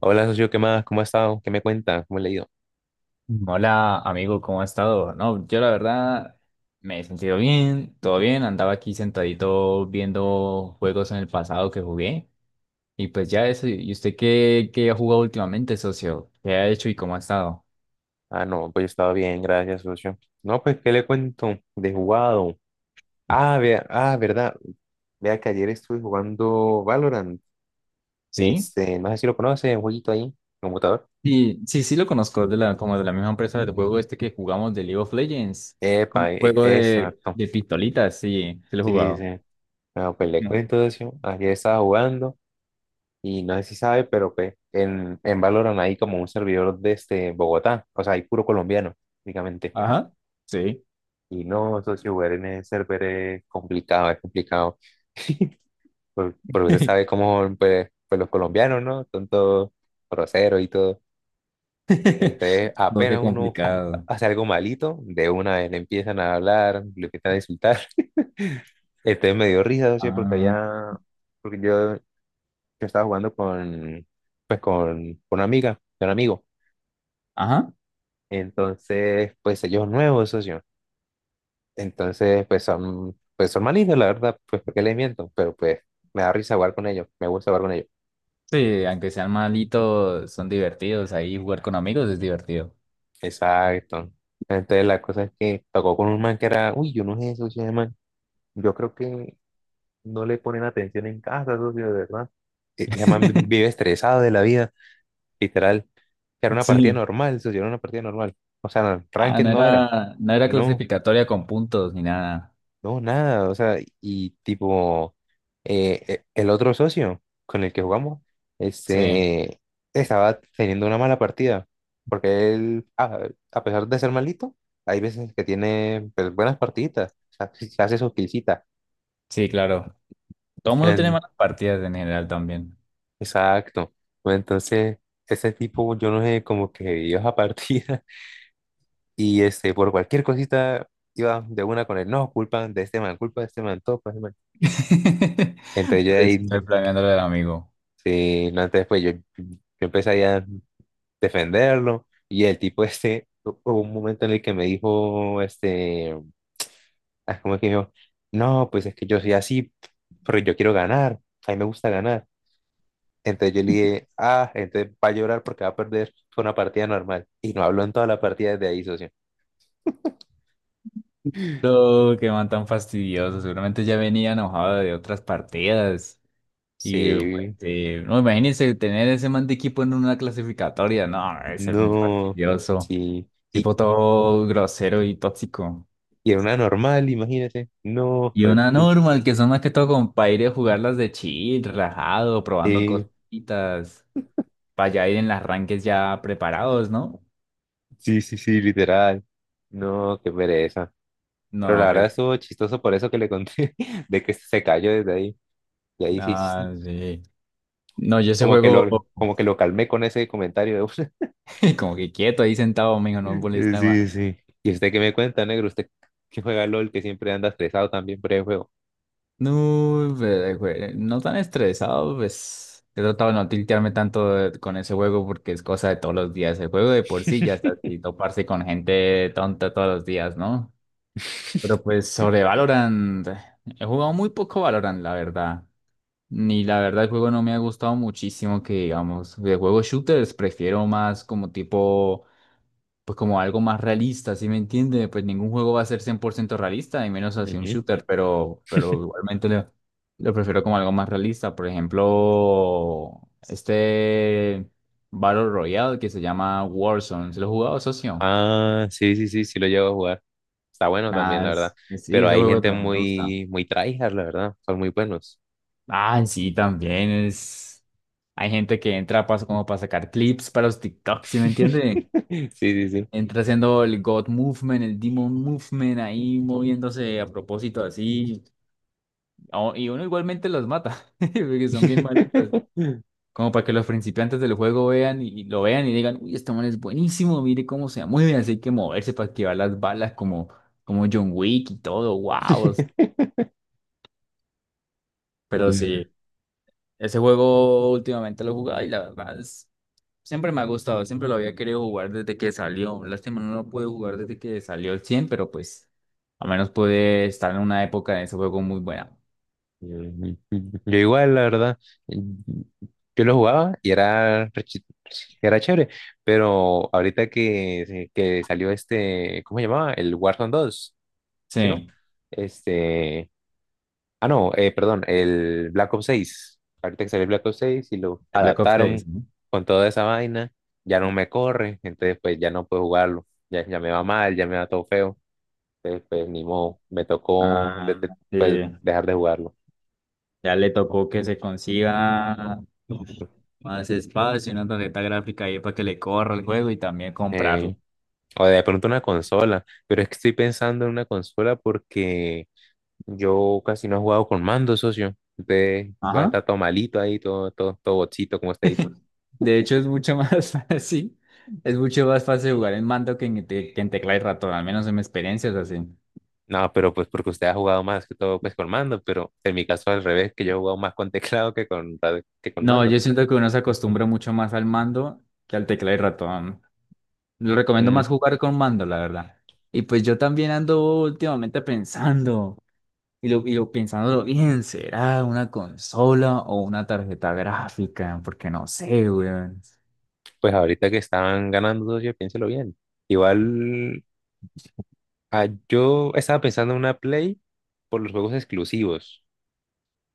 Hola, socio, ¿qué más? ¿Cómo ha estado? ¿Qué me cuenta? ¿Cómo le ha ido? Hola amigo, ¿cómo ha estado? No, yo la verdad me he sentido bien, todo bien, andaba aquí sentadito viendo juegos en el pasado que jugué y pues ya eso. ¿Y usted qué, qué ha jugado últimamente, socio? ¿Qué ha hecho y cómo ha estado? Ah, no, pues yo estaba bien, gracias, socio. No, pues, ¿qué le cuento? De jugado. Ah, vea, ah, verdad. Vea que ayer estuve jugando Valorant. ¿Sí? No sé si lo conoce, un jueguito ahí, computador. Sí, sí, sí lo conozco, como de la misma empresa del juego este que jugamos, de League of Legends, Epa, como juego de, exacto. de pistolitas, sí, sí lo he Sí, sí, sí. jugado. No, pues le No. cuento, socio. Ayer estaba jugando y no sé si sabe, pero pues en Valorant hay como un servidor de Bogotá. O sea, hay puro colombiano, prácticamente. Ajá, sí. Y no, socio, jugar en el server es complicado, es complicado. Porque usted sabe cómo, pues, pues los colombianos, ¿no? Son todos groseros y todo. Entonces, No, qué apenas uno complicado. hace algo malito, de una vez le empiezan a hablar, le empiezan a insultar. Entonces me dio risa, socio, porque Ah, allá, porque yo estaba jugando pues, con una amiga, con un amigo. ajá. Entonces, pues, ellos nuevos, socio. Entonces, pues son malignos, la verdad, pues porque les miento, pero pues me da risa jugar con ellos, me gusta jugar con ellos. Sí, aunque sean malitos, son divertidos. Ahí jugar con amigos es divertido. Exacto. Entonces la cosa es que tocó con un man que era, uy, yo no sé eso, ese man. Yo creo que no le ponen atención en casa, socio, de verdad. Ese man vive estresado de la vida, literal. Era una partida Sí. normal, socio, era una partida normal. O sea, no, Ah, ranked no no era, era, no era no. clasificatoria con puntos ni nada. No, nada, o sea, y tipo, el otro socio con el que jugamos, Sí, este, estaba teniendo una mala partida, porque él, a pesar de ser malito, hay veces que tiene pues, buenas partiditas, o sea, sí hace sus killcitas. sí, claro. Todo el mundo tiene En- malas partidas en general también. Exacto. Bueno, entonces, ese tipo, yo no sé, como que iba a partida y por cualquier cosita iba de una con él, no, culpa de este man, culpa de este man, todo, pues, man. Entonces yo Por eso ahí. estoy planeándole al amigo. Sí, no, entonces pues yo empecé ahí a defenderlo y el tipo este, hubo un momento en el que me dijo, ah, ¿cómo es que dijo? No, pues es que yo soy así, pero yo quiero ganar, a mí me gusta ganar. Entonces yo le dije, ah, entonces va a llorar porque va a perder, fue una partida normal. Y no habló en toda la partida desde ahí, socio. No, qué man tan fastidioso. Seguramente ya venía enojado de otras partidas. Y pues, Sí, no, imagínense tener ese man de equipo en una clasificatoria. No, debe ser muy no, fastidioso. sí, y, Tipo todo grosero y tóxico. y era una normal, imagínese, no, Y pues, una normal, que son más que todo como para ir a jugarlas de chill, relajado, probando sí, cositas, para ya ir en las ranques ya preparados, ¿no? sí, sí, sí, literal. No, qué pereza. No, Pero la verdad pues, estuvo chistoso por eso que le conté, de que se cayó desde ahí. Y ahí sí, sí, nada, sí. No, yo ese como que lo, juego, como que lo calmé con ese comentario de una. como que quieto ahí sentado, mijo, no me molesta más. Sí, sí. ¿Y usted qué me cuenta, negro? Usted que juega LOL, que siempre anda estresado también por el juego. No, pues, no tan estresado, pues. He tratado de no tiltearme tanto con ese juego porque es cosa de todos los días. El juego de por sí ya está así, toparse con gente tonta todos los días, ¿no? Pero pues sobre Valorant, he jugado muy poco Valorant, la verdad. Ni la verdad el juego no me ha gustado muchísimo que digamos. De juegos shooters prefiero más como tipo, pues, como algo más realista, ¿sí me entiende? Pues ningún juego va a ser 100% realista, y menos así un Ujú. shooter, pero igualmente lo prefiero como algo más realista. Por ejemplo, este Battle Royale que se llama Warzone, ¿se lo he jugado, socio? Ah, sí, sí, sí, sí lo llevo a jugar. Está bueno también, Nada, la verdad. Sí, Pero ese hay juego gente también me gusta. muy, muy tryhard, la verdad. Son muy buenos. Ah, sí, también es... Hay gente que entra paso como para sacar clips para los TikToks, ¿sí me entiende? Sí, sí, Entra haciendo el God Movement, el Demon Movement, ahí moviéndose a propósito así. Y uno igualmente los mata, porque sí. son bien malitos. Como para que los principiantes del juego vean y lo vean y digan, uy, este man es buenísimo, mire cómo se mueve, así hay que moverse para esquivar las balas como, como John Wick y todo, wow. Pero sí, ese juego últimamente lo he jugado y la verdad es... Siempre me ha gustado, siempre lo había querido jugar desde que salió. Lástima, no lo pude jugar desde que salió el 100, pero pues al menos pude estar en una época de ese juego muy buena. Mm, Yo igual, la verdad, mm, yo lo jugaba y era chévere, pero ahorita que salió ¿cómo se llamaba? El Warzone 2. ¿Sí no? Sí, Este, ah no, perdón, el Black Ops 6. Ahorita que salió el Black Ops 6 y lo el Black Ops 6, adaptaron ¿no? con toda esa vaina, ya no me corre, entonces pues ya no puedo jugarlo, ya, ya me va mal, ya me va todo feo, entonces pues ni modo, me tocó Ah, pues, sí. dejar de jugarlo. Ya le tocó que se consiga más espacio, una tarjeta gráfica ahí para que le corra el juego y también Eh, comprarlo. O de pronto una consola, pero es que estoy pensando en una consola porque yo casi no he jugado con mando, socio. Usted va a Ajá. estar todo malito ahí, todo, todo, todo bochito, como usted dice. De hecho, es mucho más fácil. Es mucho más fácil jugar en mando que en, que en tecla y ratón, al menos en mi experiencia es así. No, pero pues porque usted ha jugado más que todo pues con mando, pero en mi caso al revés, que yo he jugado más con teclado que con No, mando. yo siento que uno se acostumbra mucho más al mando que al tecla y ratón. Lo recomiendo Mm, más jugar con mando, la verdad. Y pues yo también ando últimamente pensando, y lo pensándolo bien, ¿será una consola o una tarjeta gráfica? Porque no sé, weón. pues ahorita que estaban ganando, socio, piénselo bien. Igual, yo estaba pensando en una Play por los juegos exclusivos.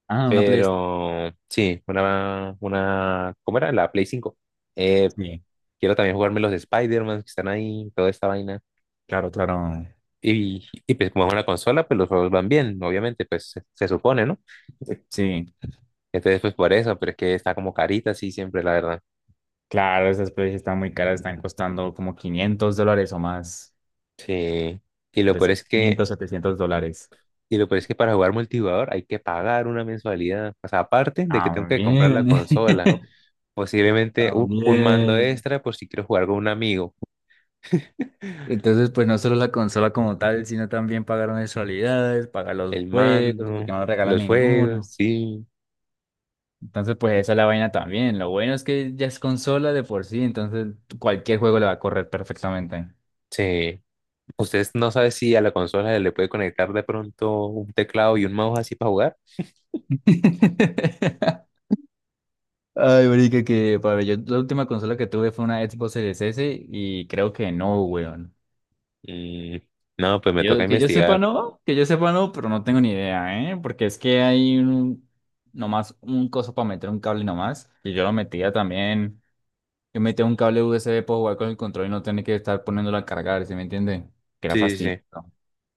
Ah, una PlayStation. Pero sí, una, ¿cómo era? La Play 5. Eh, Sí, Quiero también jugarme los de Spider-Man que están ahí, toda esta vaina. claro, claro. Y pues como es una consola, pues los juegos van bien, obviamente, pues se supone, ¿no? Sí, Entonces, pues por eso, pero es que está como carita así siempre, la verdad. claro, esas Play están muy caras, están costando como $500 o más, Sí. Y lo peor es trescientos, que, quinientos setecientos dólares. y lo peor es que para jugar multijugador hay que pagar una mensualidad. O sea, aparte de que tengo que comprar la También, consola, posiblemente un mando también. extra por si quiero jugar con un amigo. Entonces, pues no solo la consola como tal, sino también pagar mensualidades, pagar los El juegos, mando, porque no regalan los juegos, ninguno. sí. Entonces, pues esa es la vaina también. Lo bueno es que ya es consola de por sí, entonces cualquier juego le va a correr perfectamente. Sí. ¿Ustedes no saben si a la consola le puede conectar de pronto un teclado y un mouse así para jugar? Ay, marica, que para yo la última consola que tuve fue una Xbox Series S y creo que no, weón. Mm, no, pues me Que toca Yo, que yo sepa investigar. no, que yo sepa no, pero no tengo ni idea, ¿eh? Porque es que hay un, nomás un coso para meter un cable nomás y yo lo metía también. Yo metía un cable USB para jugar con el control y no tener que estar poniéndolo a cargar, ¿sí me entiende? Que era Sí, sí, fastidioso. sí.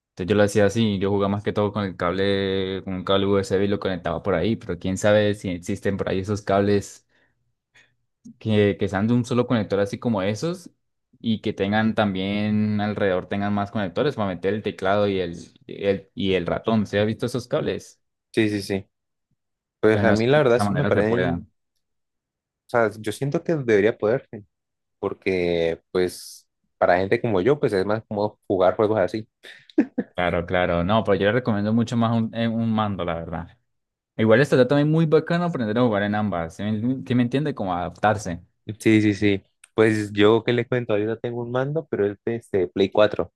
Entonces yo lo hacía así, yo jugaba más que todo con el cable, con un cable USB y lo conectaba por ahí, pero quién sabe si existen por ahí esos cables que sean de un solo conector así como esos, y que tengan también alrededor, tengan más conectores para meter el teclado y y el ratón. ¿Se ha visto esos cables? Sí, sí, sí. Pues Entonces a no mí sé la si de verdad esa eso me manera se parece, o puedan. sea, yo siento que debería poderse, porque pues para gente como yo, pues es más cómodo jugar juegos así. Claro, claro. No, pero yo le recomiendo mucho más un mando, la verdad. Igual estaría también muy bacano aprender a jugar en ambas. ¿¿Sí me entiende? Como adaptarse. Sí, sí, sí. Pues yo que les cuento, ahorita tengo un mando, pero es de Play 4.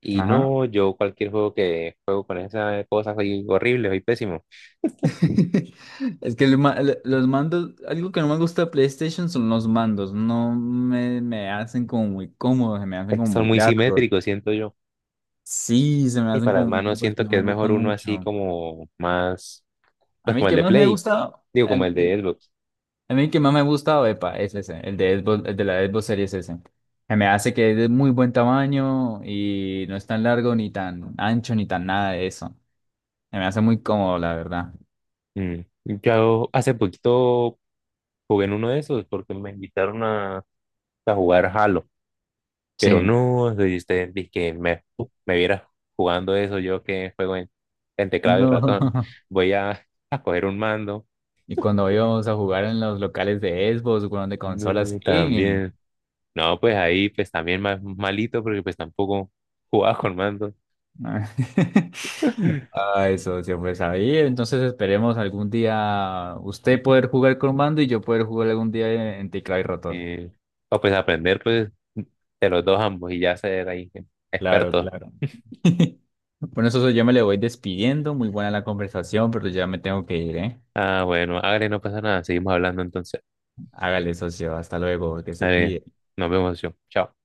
Y Ajá. no, yo cualquier juego que juego con esas cosas soy horrible, soy pésimo. Es que el los mandos, algo que no me gusta de PlayStation son los mandos. No me hacen como muy cómodos, se me hacen Es que como son muy muy largos. simétricos, siento yo. Sí, se me Y hacen para las como muy manos largos y siento no que es me mejor gustan uno así mucho. como más, A pues mí el como el que de más me Play, gusta, digo, como el- el el- de Xbox. a mí el que más me gusta, epa, es ese, el de el de la Xbox Series S. Se me hace que es de muy buen tamaño y no es tan largo ni tan ancho ni tan nada de eso. Se me hace muy cómodo, la verdad. Mm. Yo hace poquito jugué en uno de esos porque me invitaron a jugar Halo, pero Sí. no, si usted dice que me viera jugando eso, yo que juego en teclado y No. ratón, voy a coger un mando. Y cuando íbamos a jugar en los locales de Xbox, bueno, de consolas, No, ¡eh! también. No, pues ahí pues también más malito porque pues tampoco jugaba con mando. Ah, eso siempre sabía. Entonces esperemos algún día usted poder jugar con mando y yo poder jugar algún día en teclado y ratón. Eh, o pues aprender pues de los dos ambos y ya ser ahí Claro, expertos. claro. Bueno, socio, yo me le voy despidiendo. Muy buena la conversación, pero ya me tengo que ir, ¿eh? Ah, bueno, Agre, no pasa nada, seguimos hablando entonces. Hágale, socio. Hasta luego, que se Dale, cuide. nos vemos, yo. Chao.